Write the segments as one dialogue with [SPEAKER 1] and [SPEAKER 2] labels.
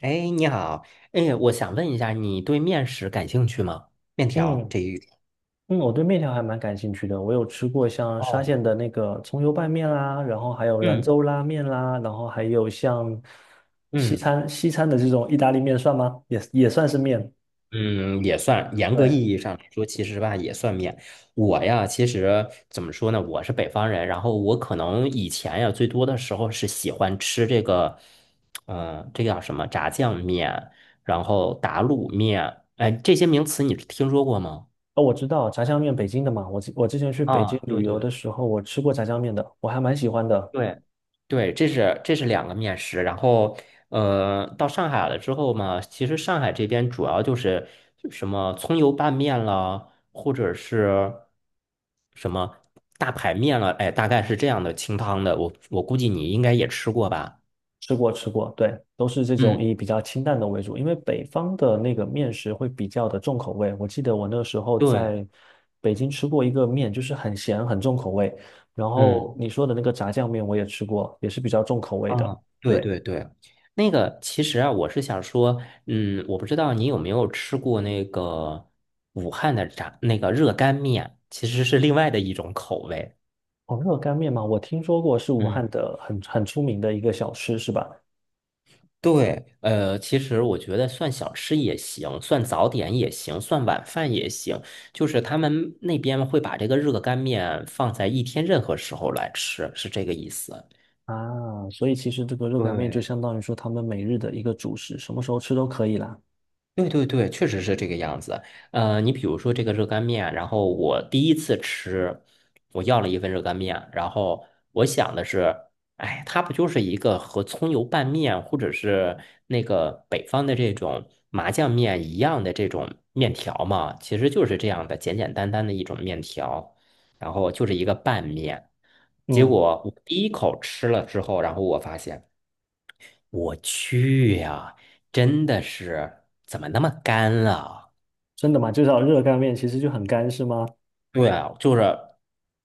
[SPEAKER 1] 哎，你好，哎，我想问一下，你对面食感兴趣吗？面条
[SPEAKER 2] 嗯
[SPEAKER 1] 这一类。
[SPEAKER 2] 我对面条还蛮感兴趣的。我有吃过像沙
[SPEAKER 1] 哦，
[SPEAKER 2] 县的那个葱油拌面啦，然后还有兰
[SPEAKER 1] 嗯
[SPEAKER 2] 州拉面啦，然后还有像西
[SPEAKER 1] 嗯
[SPEAKER 2] 餐西餐的这种意大利面算吗？也算是面。
[SPEAKER 1] 嗯，也算，严格
[SPEAKER 2] 对，
[SPEAKER 1] 意义上来说，其实吧也算面。我呀，其实怎么说呢，我是北方人，然后我可能以前呀，最多的时候是喜欢吃这个，这个叫什么炸酱面，然后打卤面，哎，这些名词你听说过吗？
[SPEAKER 2] 哦，我知道炸酱面北京的嘛，我之前去北
[SPEAKER 1] 啊，
[SPEAKER 2] 京旅
[SPEAKER 1] 对
[SPEAKER 2] 游的
[SPEAKER 1] 对，
[SPEAKER 2] 时候，我吃过炸酱面的，我还蛮喜欢的。
[SPEAKER 1] 对，对，这是两个面食。然后，到上海了之后嘛，其实上海这边主要就是什么葱油拌面啦，或者是什么大排面了，哎，大概是这样的清汤的。我估计你应该也吃过吧？
[SPEAKER 2] 吃过，对，都是这种
[SPEAKER 1] 嗯，
[SPEAKER 2] 以比较清淡的为主，因为北方的那个面食会比较的重口味。我记得我那时候
[SPEAKER 1] 对，
[SPEAKER 2] 在北京吃过一个面，就是很咸，很重口味。然后
[SPEAKER 1] 嗯
[SPEAKER 2] 你说的那个炸酱面我也吃过，也是比较重口味的。
[SPEAKER 1] 啊，对
[SPEAKER 2] 对，
[SPEAKER 1] 对对。那个其实啊，我是想说，我不知道你有没有吃过那个武汉的那个热干面，其实是另外的一种口味。
[SPEAKER 2] 哦，热干面嘛，我听说过是武汉
[SPEAKER 1] 嗯，
[SPEAKER 2] 的很出名的一个小吃，是吧？
[SPEAKER 1] 对，其实我觉得算小吃也行，算早点也行，算晚饭也行，就是他们那边会把这个热干面放在一天任何时候来吃，是这个意思。
[SPEAKER 2] 啊，所以其实这个热干面就
[SPEAKER 1] 对，
[SPEAKER 2] 相当于说他们每日的一个主食，什么时候吃都可以啦。
[SPEAKER 1] 对对对，确实是这个样子。你比如说这个热干面，然后我第一次吃，我要了一份热干面，然后我想的是，哎，它不就是一个和葱油拌面或者是那个北方的这种麻酱面一样的这种面条嘛？其实就是这样的简简单单的一种面条，然后就是一个拌面。结
[SPEAKER 2] 嗯，
[SPEAKER 1] 果我第一口吃了之后，然后我发现，我去呀，真的是怎么那么干啊？
[SPEAKER 2] 真的吗？就叫热干面，其实就很干，是吗？
[SPEAKER 1] 对啊，就是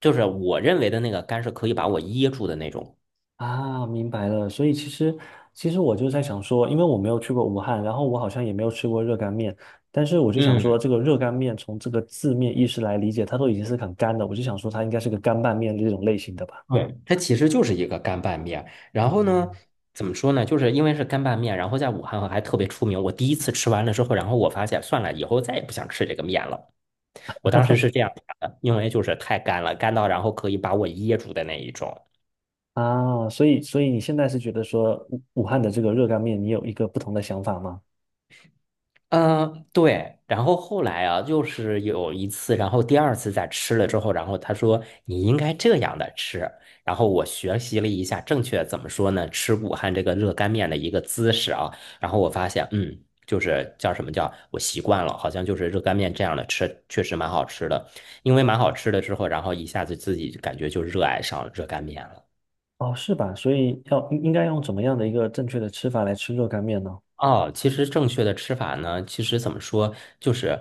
[SPEAKER 1] 就是我认为的那个干是可以把我噎住的那种。
[SPEAKER 2] 啊，明白了。所以其实，其实我就在想说，因为我没有去过武汉，然后我好像也没有吃过热干面，但是我就想说，
[SPEAKER 1] 嗯
[SPEAKER 2] 这个热干面从这个字面意思来理解，它都已经是很干的，我就想说它应该是个干拌面这种类型的吧。
[SPEAKER 1] 对，它其实就是一个干拌面。然
[SPEAKER 2] 啊，
[SPEAKER 1] 后呢，怎么说呢？就是因为是干拌面，然后在武汉还特别出名。我第一次吃完了之后，然后我发现算了，以后再也不想吃这个面了。我当时是这样想的，因为就是太干了，干到然后可以把我噎住的那一种。
[SPEAKER 2] 啊，所以所以你现在是觉得说武汉的这个热干面，你有一个不同的想法吗？
[SPEAKER 1] 嗯，对。然后后来啊，就是有一次，然后第二次再吃了之后，然后他说你应该这样的吃。然后我学习了一下正确怎么说呢，吃武汉这个热干面的一个姿势啊。然后我发现，就是叫什么叫我习惯了，好像就是热干面这样的吃，确实蛮好吃的。因为蛮好吃的之后，然后一下子自己感觉就热爱上热干面了。
[SPEAKER 2] 哦，是吧？所以要应该用怎么样的一个正确的吃法来吃热干面呢？
[SPEAKER 1] 哦，其实正确的吃法呢，其实怎么说，就是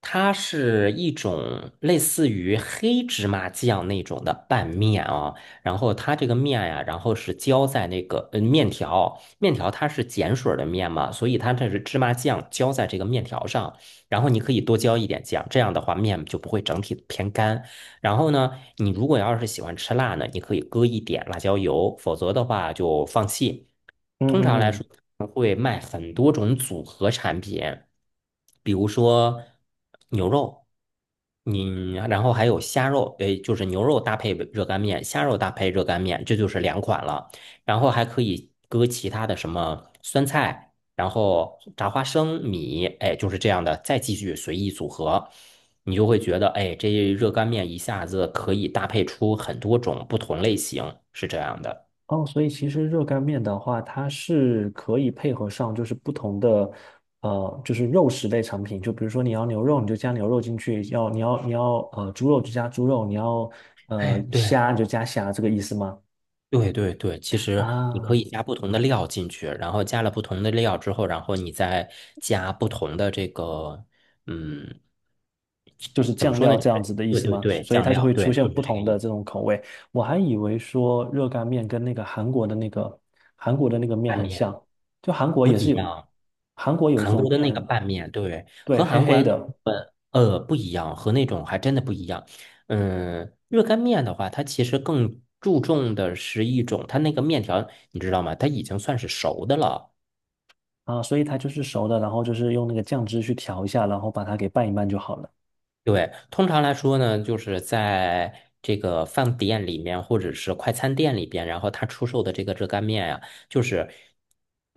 [SPEAKER 1] 它是一种类似于黑芝麻酱那种的拌面啊。然后它这个面呀、然后是浇在那个面条，面条它是碱水儿的面嘛，所以它这是芝麻酱浇在这个面条上，然后你可以多浇一点酱，这样的话面就不会整体偏干。然后呢，你如果要是喜欢吃辣呢，你可以搁一点辣椒油，否则的话就放弃。
[SPEAKER 2] 嗯
[SPEAKER 1] 通常
[SPEAKER 2] 嗯
[SPEAKER 1] 来
[SPEAKER 2] 嗯。
[SPEAKER 1] 说，会卖很多种组合产品，比如说牛肉，你然后还有虾肉，诶，就是牛肉搭配热干面，虾肉搭配热干面，这就是两款了。然后还可以搁其他的什么酸菜，然后炸花生米，哎，就是这样的，再继续随意组合。你就会觉得，哎，这热干面一下子可以搭配出很多种不同类型，是这样的。
[SPEAKER 2] 哦，所以其实热干面的话，它是可以配合上就是不同的，就是肉食类产品。就比如说你要牛肉，你就加牛肉进去；要你要猪肉就加猪肉，你要
[SPEAKER 1] 哎，对
[SPEAKER 2] 虾你就加虾，这个意思吗？
[SPEAKER 1] 对对对，其实你可
[SPEAKER 2] 啊，
[SPEAKER 1] 以加不同的料进去，然后加了不同的料之后，然后你再加不同的这个，嗯，
[SPEAKER 2] 就是
[SPEAKER 1] 怎么
[SPEAKER 2] 酱
[SPEAKER 1] 说
[SPEAKER 2] 料
[SPEAKER 1] 呢？就是
[SPEAKER 2] 这样子的意
[SPEAKER 1] 对
[SPEAKER 2] 思
[SPEAKER 1] 对
[SPEAKER 2] 吗？
[SPEAKER 1] 对，
[SPEAKER 2] 所以
[SPEAKER 1] 酱
[SPEAKER 2] 它就
[SPEAKER 1] 料，
[SPEAKER 2] 会出
[SPEAKER 1] 对，
[SPEAKER 2] 现
[SPEAKER 1] 就是
[SPEAKER 2] 不
[SPEAKER 1] 这个
[SPEAKER 2] 同
[SPEAKER 1] 意
[SPEAKER 2] 的这
[SPEAKER 1] 思。
[SPEAKER 2] 种口味。我还以为说热干面跟那个韩国的那个面
[SPEAKER 1] 拌
[SPEAKER 2] 很
[SPEAKER 1] 面
[SPEAKER 2] 像，就韩国
[SPEAKER 1] 不
[SPEAKER 2] 也
[SPEAKER 1] 一
[SPEAKER 2] 是有，
[SPEAKER 1] 样。
[SPEAKER 2] 韩国有一
[SPEAKER 1] 韩
[SPEAKER 2] 种
[SPEAKER 1] 国的那个
[SPEAKER 2] 面，
[SPEAKER 1] 拌面，对，
[SPEAKER 2] 对，
[SPEAKER 1] 和
[SPEAKER 2] 黑
[SPEAKER 1] 韩国
[SPEAKER 2] 黑
[SPEAKER 1] 的
[SPEAKER 2] 的。
[SPEAKER 1] 呃不一样，和那种还真的不一样。嗯，热干面的话，它其实更注重的是一种，它那个面条，你知道吗？它已经算是熟的了。
[SPEAKER 2] 啊，所以它就是熟的，然后就是用那个酱汁去调一下，然后把它给拌一拌就好了，
[SPEAKER 1] 对，通常来说呢，就是在这个饭店里面或者是快餐店里边，然后他出售的这个热干面呀，就是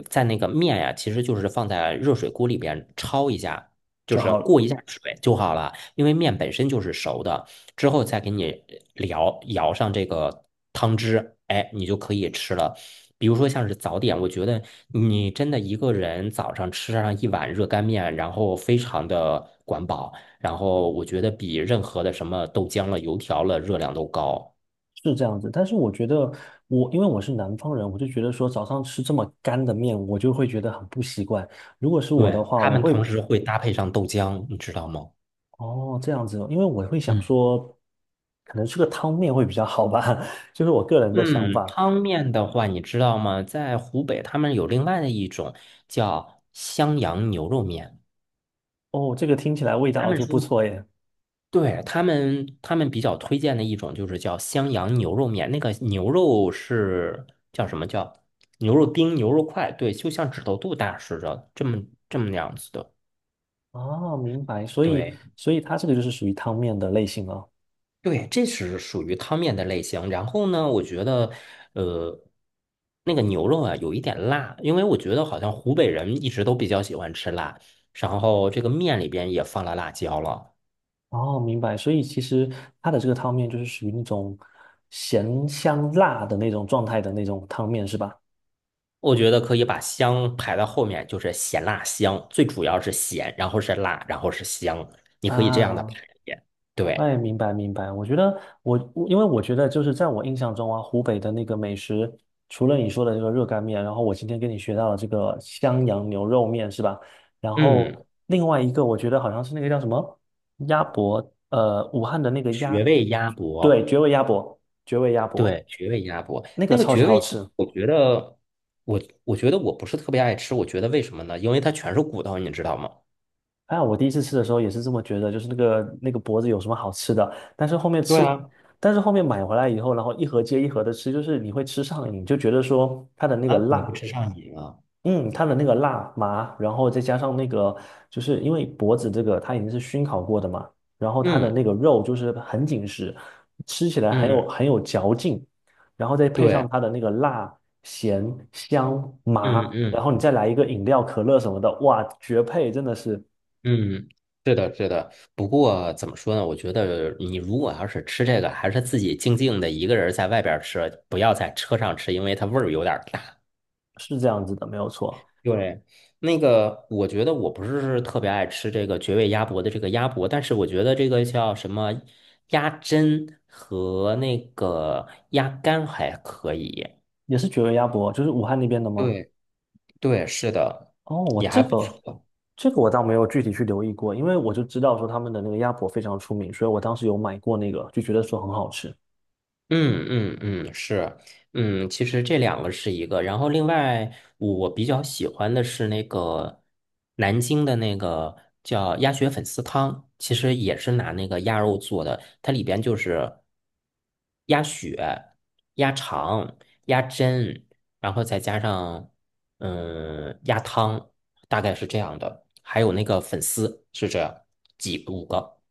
[SPEAKER 1] 在那个面呀，其实就是放在热水锅里边焯一下，就
[SPEAKER 2] 就
[SPEAKER 1] 是
[SPEAKER 2] 好了，
[SPEAKER 1] 过一下水就好了，因为面本身就是熟的，之后再给你舀上这个汤汁，哎，你就可以吃了。比如说像是早点，我觉得你真的一个人早上吃上一碗热干面，然后非常的管饱。然后我觉得比任何的什么豆浆了、油条了热量都高。
[SPEAKER 2] 是这样子。但是我觉得我，因为我是南方人，我就觉得说早上吃这么干的面，我就会觉得很不习惯。如果是我的
[SPEAKER 1] 对，
[SPEAKER 2] 话，
[SPEAKER 1] 他
[SPEAKER 2] 我
[SPEAKER 1] 们
[SPEAKER 2] 会，
[SPEAKER 1] 同时会搭配上豆浆，你知道吗？
[SPEAKER 2] 哦，这样子哦因为我会想
[SPEAKER 1] 嗯
[SPEAKER 2] 说，可能吃个汤面会比较好吧，就是我个人的想
[SPEAKER 1] 嗯，
[SPEAKER 2] 法。
[SPEAKER 1] 汤面的话，你知道吗？在湖北，他们有另外的一种叫襄阳牛肉面，
[SPEAKER 2] 哦，这个听起来味
[SPEAKER 1] 他
[SPEAKER 2] 道
[SPEAKER 1] 们
[SPEAKER 2] 就不
[SPEAKER 1] 说。
[SPEAKER 2] 错耶。
[SPEAKER 1] 对，他们比较推荐的一种就是叫襄阳牛肉面，那个牛肉是叫什么叫牛肉丁、牛肉块，对，就像指头肚大似的，这么样子的。
[SPEAKER 2] 哦，明白，所以
[SPEAKER 1] 对。
[SPEAKER 2] 所以它这个就是属于汤面的类型了。
[SPEAKER 1] 对，这是属于汤面的类型。然后呢，我觉得，呃，那个牛肉啊，有一点辣，因为我觉得好像湖北人一直都比较喜欢吃辣。然后这个面里边也放了辣椒了，
[SPEAKER 2] 哦，明白。所以其实它的这个汤面就是属于那种咸香辣的那种状态的那种汤面，是吧？
[SPEAKER 1] 我觉得可以把香排到后面，就是咸辣香，最主要是咸，然后是辣，然后是香，你可以这样的排
[SPEAKER 2] 啊，
[SPEAKER 1] 列。对，
[SPEAKER 2] 哎，明白明白。我觉得我，我因为我觉得就是在我印象中啊，湖北的那个美食，除了你说的这个热干面，然后我今天跟你学到了这个襄阳牛肉面，是吧？然后
[SPEAKER 1] 嗯，
[SPEAKER 2] 另外一个我觉得好像是那个叫什么鸭脖，武汉的那个
[SPEAKER 1] 绝
[SPEAKER 2] 鸭，
[SPEAKER 1] 味鸭
[SPEAKER 2] 对，
[SPEAKER 1] 脖。
[SPEAKER 2] 绝味鸭脖，绝味鸭脖，
[SPEAKER 1] 对，绝味鸭脖，
[SPEAKER 2] 那个
[SPEAKER 1] 那个
[SPEAKER 2] 超级
[SPEAKER 1] 绝味
[SPEAKER 2] 好
[SPEAKER 1] 鸭
[SPEAKER 2] 吃。
[SPEAKER 1] 脖，我觉得我不是特别爱吃，我觉得为什么呢？因为它全是骨头，你知道吗？
[SPEAKER 2] 哎呀，我第一次吃的时候也是这么觉得，就是那个脖子有什么好吃的？但是后面
[SPEAKER 1] 对
[SPEAKER 2] 吃，
[SPEAKER 1] 啊，
[SPEAKER 2] 但是后面买回来以后，然后一盒接一盒的吃，就是你会吃上瘾，就觉得说它的那个
[SPEAKER 1] 啊，你不
[SPEAKER 2] 辣，
[SPEAKER 1] 吃上瘾啊？
[SPEAKER 2] 嗯，它的那个辣麻，然后再加上那个，就是因为脖子这个它已经是熏烤过的嘛，然后它的那
[SPEAKER 1] 嗯
[SPEAKER 2] 个肉就是很紧实，吃起来很有
[SPEAKER 1] 嗯，
[SPEAKER 2] 很有嚼劲，然后再配
[SPEAKER 1] 对，
[SPEAKER 2] 上它的那个辣、咸、香、麻，
[SPEAKER 1] 嗯嗯
[SPEAKER 2] 然后你再来一个饮料、可乐什么的，哇，绝配，真的是。
[SPEAKER 1] 嗯，是的，是的。不过怎么说呢？我觉得你如果要是吃这个，还是自己静静的一个人在外边儿吃，不要在车上吃，因为它味儿有点儿大。
[SPEAKER 2] 是这样子的，没有错，
[SPEAKER 1] 对，那个我觉得我不是特别爱吃这个绝味鸭脖的这个鸭脖，但是我觉得这个叫什么鸭胗和那个鸭肝还可以。
[SPEAKER 2] 也是绝味鸭脖，就是武汉那边的吗？
[SPEAKER 1] 对对，是的，
[SPEAKER 2] 哦，我
[SPEAKER 1] 也
[SPEAKER 2] 这
[SPEAKER 1] 还不
[SPEAKER 2] 个
[SPEAKER 1] 错。
[SPEAKER 2] 这个我倒没有具体去留意过，因为我就知道说他们的那个鸭脖非常出名，所以我当时有买过那个，就觉得说很好吃。
[SPEAKER 1] 嗯嗯嗯，是，嗯，其实这两个是一个，然后另外我比较喜欢的是那个南京的那个叫鸭血粉丝汤，其实也是拿那个鸭肉做的，它里边就是鸭血、鸭肠、鸭胗，然后再加上鸭汤，大概是这样的，还有那个粉丝是这样，几五个，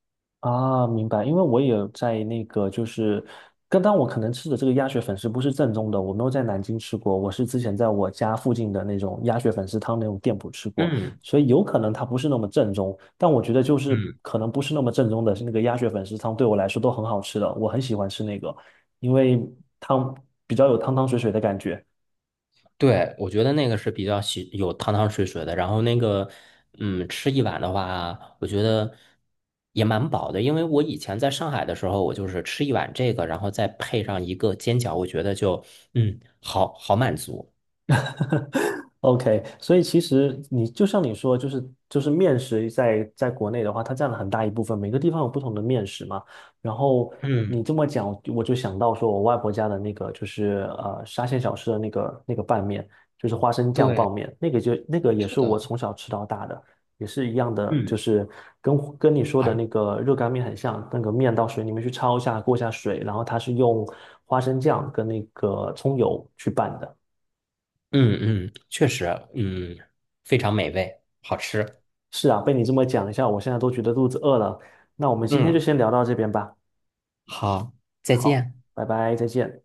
[SPEAKER 2] 啊，明白，因为我也有在那个，就是刚刚我可能吃的这个鸭血粉丝不是正宗的，我没有在南京吃过，我是之前在我家附近的那种鸭血粉丝汤那种店铺吃过，
[SPEAKER 1] 嗯
[SPEAKER 2] 所以有可能它不是那么正宗，但我觉得就是
[SPEAKER 1] 嗯
[SPEAKER 2] 可能不是那么正宗的是那个鸭血粉丝汤对我来说都很好吃的，我很喜欢吃那个，因为汤比较有汤汤水水的感觉。
[SPEAKER 1] 对，我觉得那个是比较喜有汤汤水水的，然后那个，吃一碗的话，我觉得也蛮饱的，因为我以前在上海的时候，我就是吃一碗这个，然后再配上一个煎饺，我觉得就，好好满足。
[SPEAKER 2] OK,所以其实你就像你说，就是面食在国内的话，它占了很大一部分，每个地方有不同的面食嘛。然后你
[SPEAKER 1] 嗯，
[SPEAKER 2] 这么讲，我就想到说我外婆家的那个就是沙县小吃的那个拌面，就是花生酱
[SPEAKER 1] 对，
[SPEAKER 2] 拌面，那个就那个也
[SPEAKER 1] 是
[SPEAKER 2] 是我
[SPEAKER 1] 的，
[SPEAKER 2] 从小吃到大的，也是一样的，就
[SPEAKER 1] 嗯，
[SPEAKER 2] 是跟你说的
[SPEAKER 1] 还，
[SPEAKER 2] 那个热干面很像，那个面到水里面去焯一下，过一下水，然后它是用花生酱跟那个葱油去拌的。
[SPEAKER 1] 嗯嗯，确实，嗯，非常美味，好吃。
[SPEAKER 2] 是啊，被你这么讲一下，我现在都觉得肚子饿了。那我们今天就
[SPEAKER 1] 嗯，
[SPEAKER 2] 先聊到这边吧，
[SPEAKER 1] 好，再见。
[SPEAKER 2] 拜拜，再见。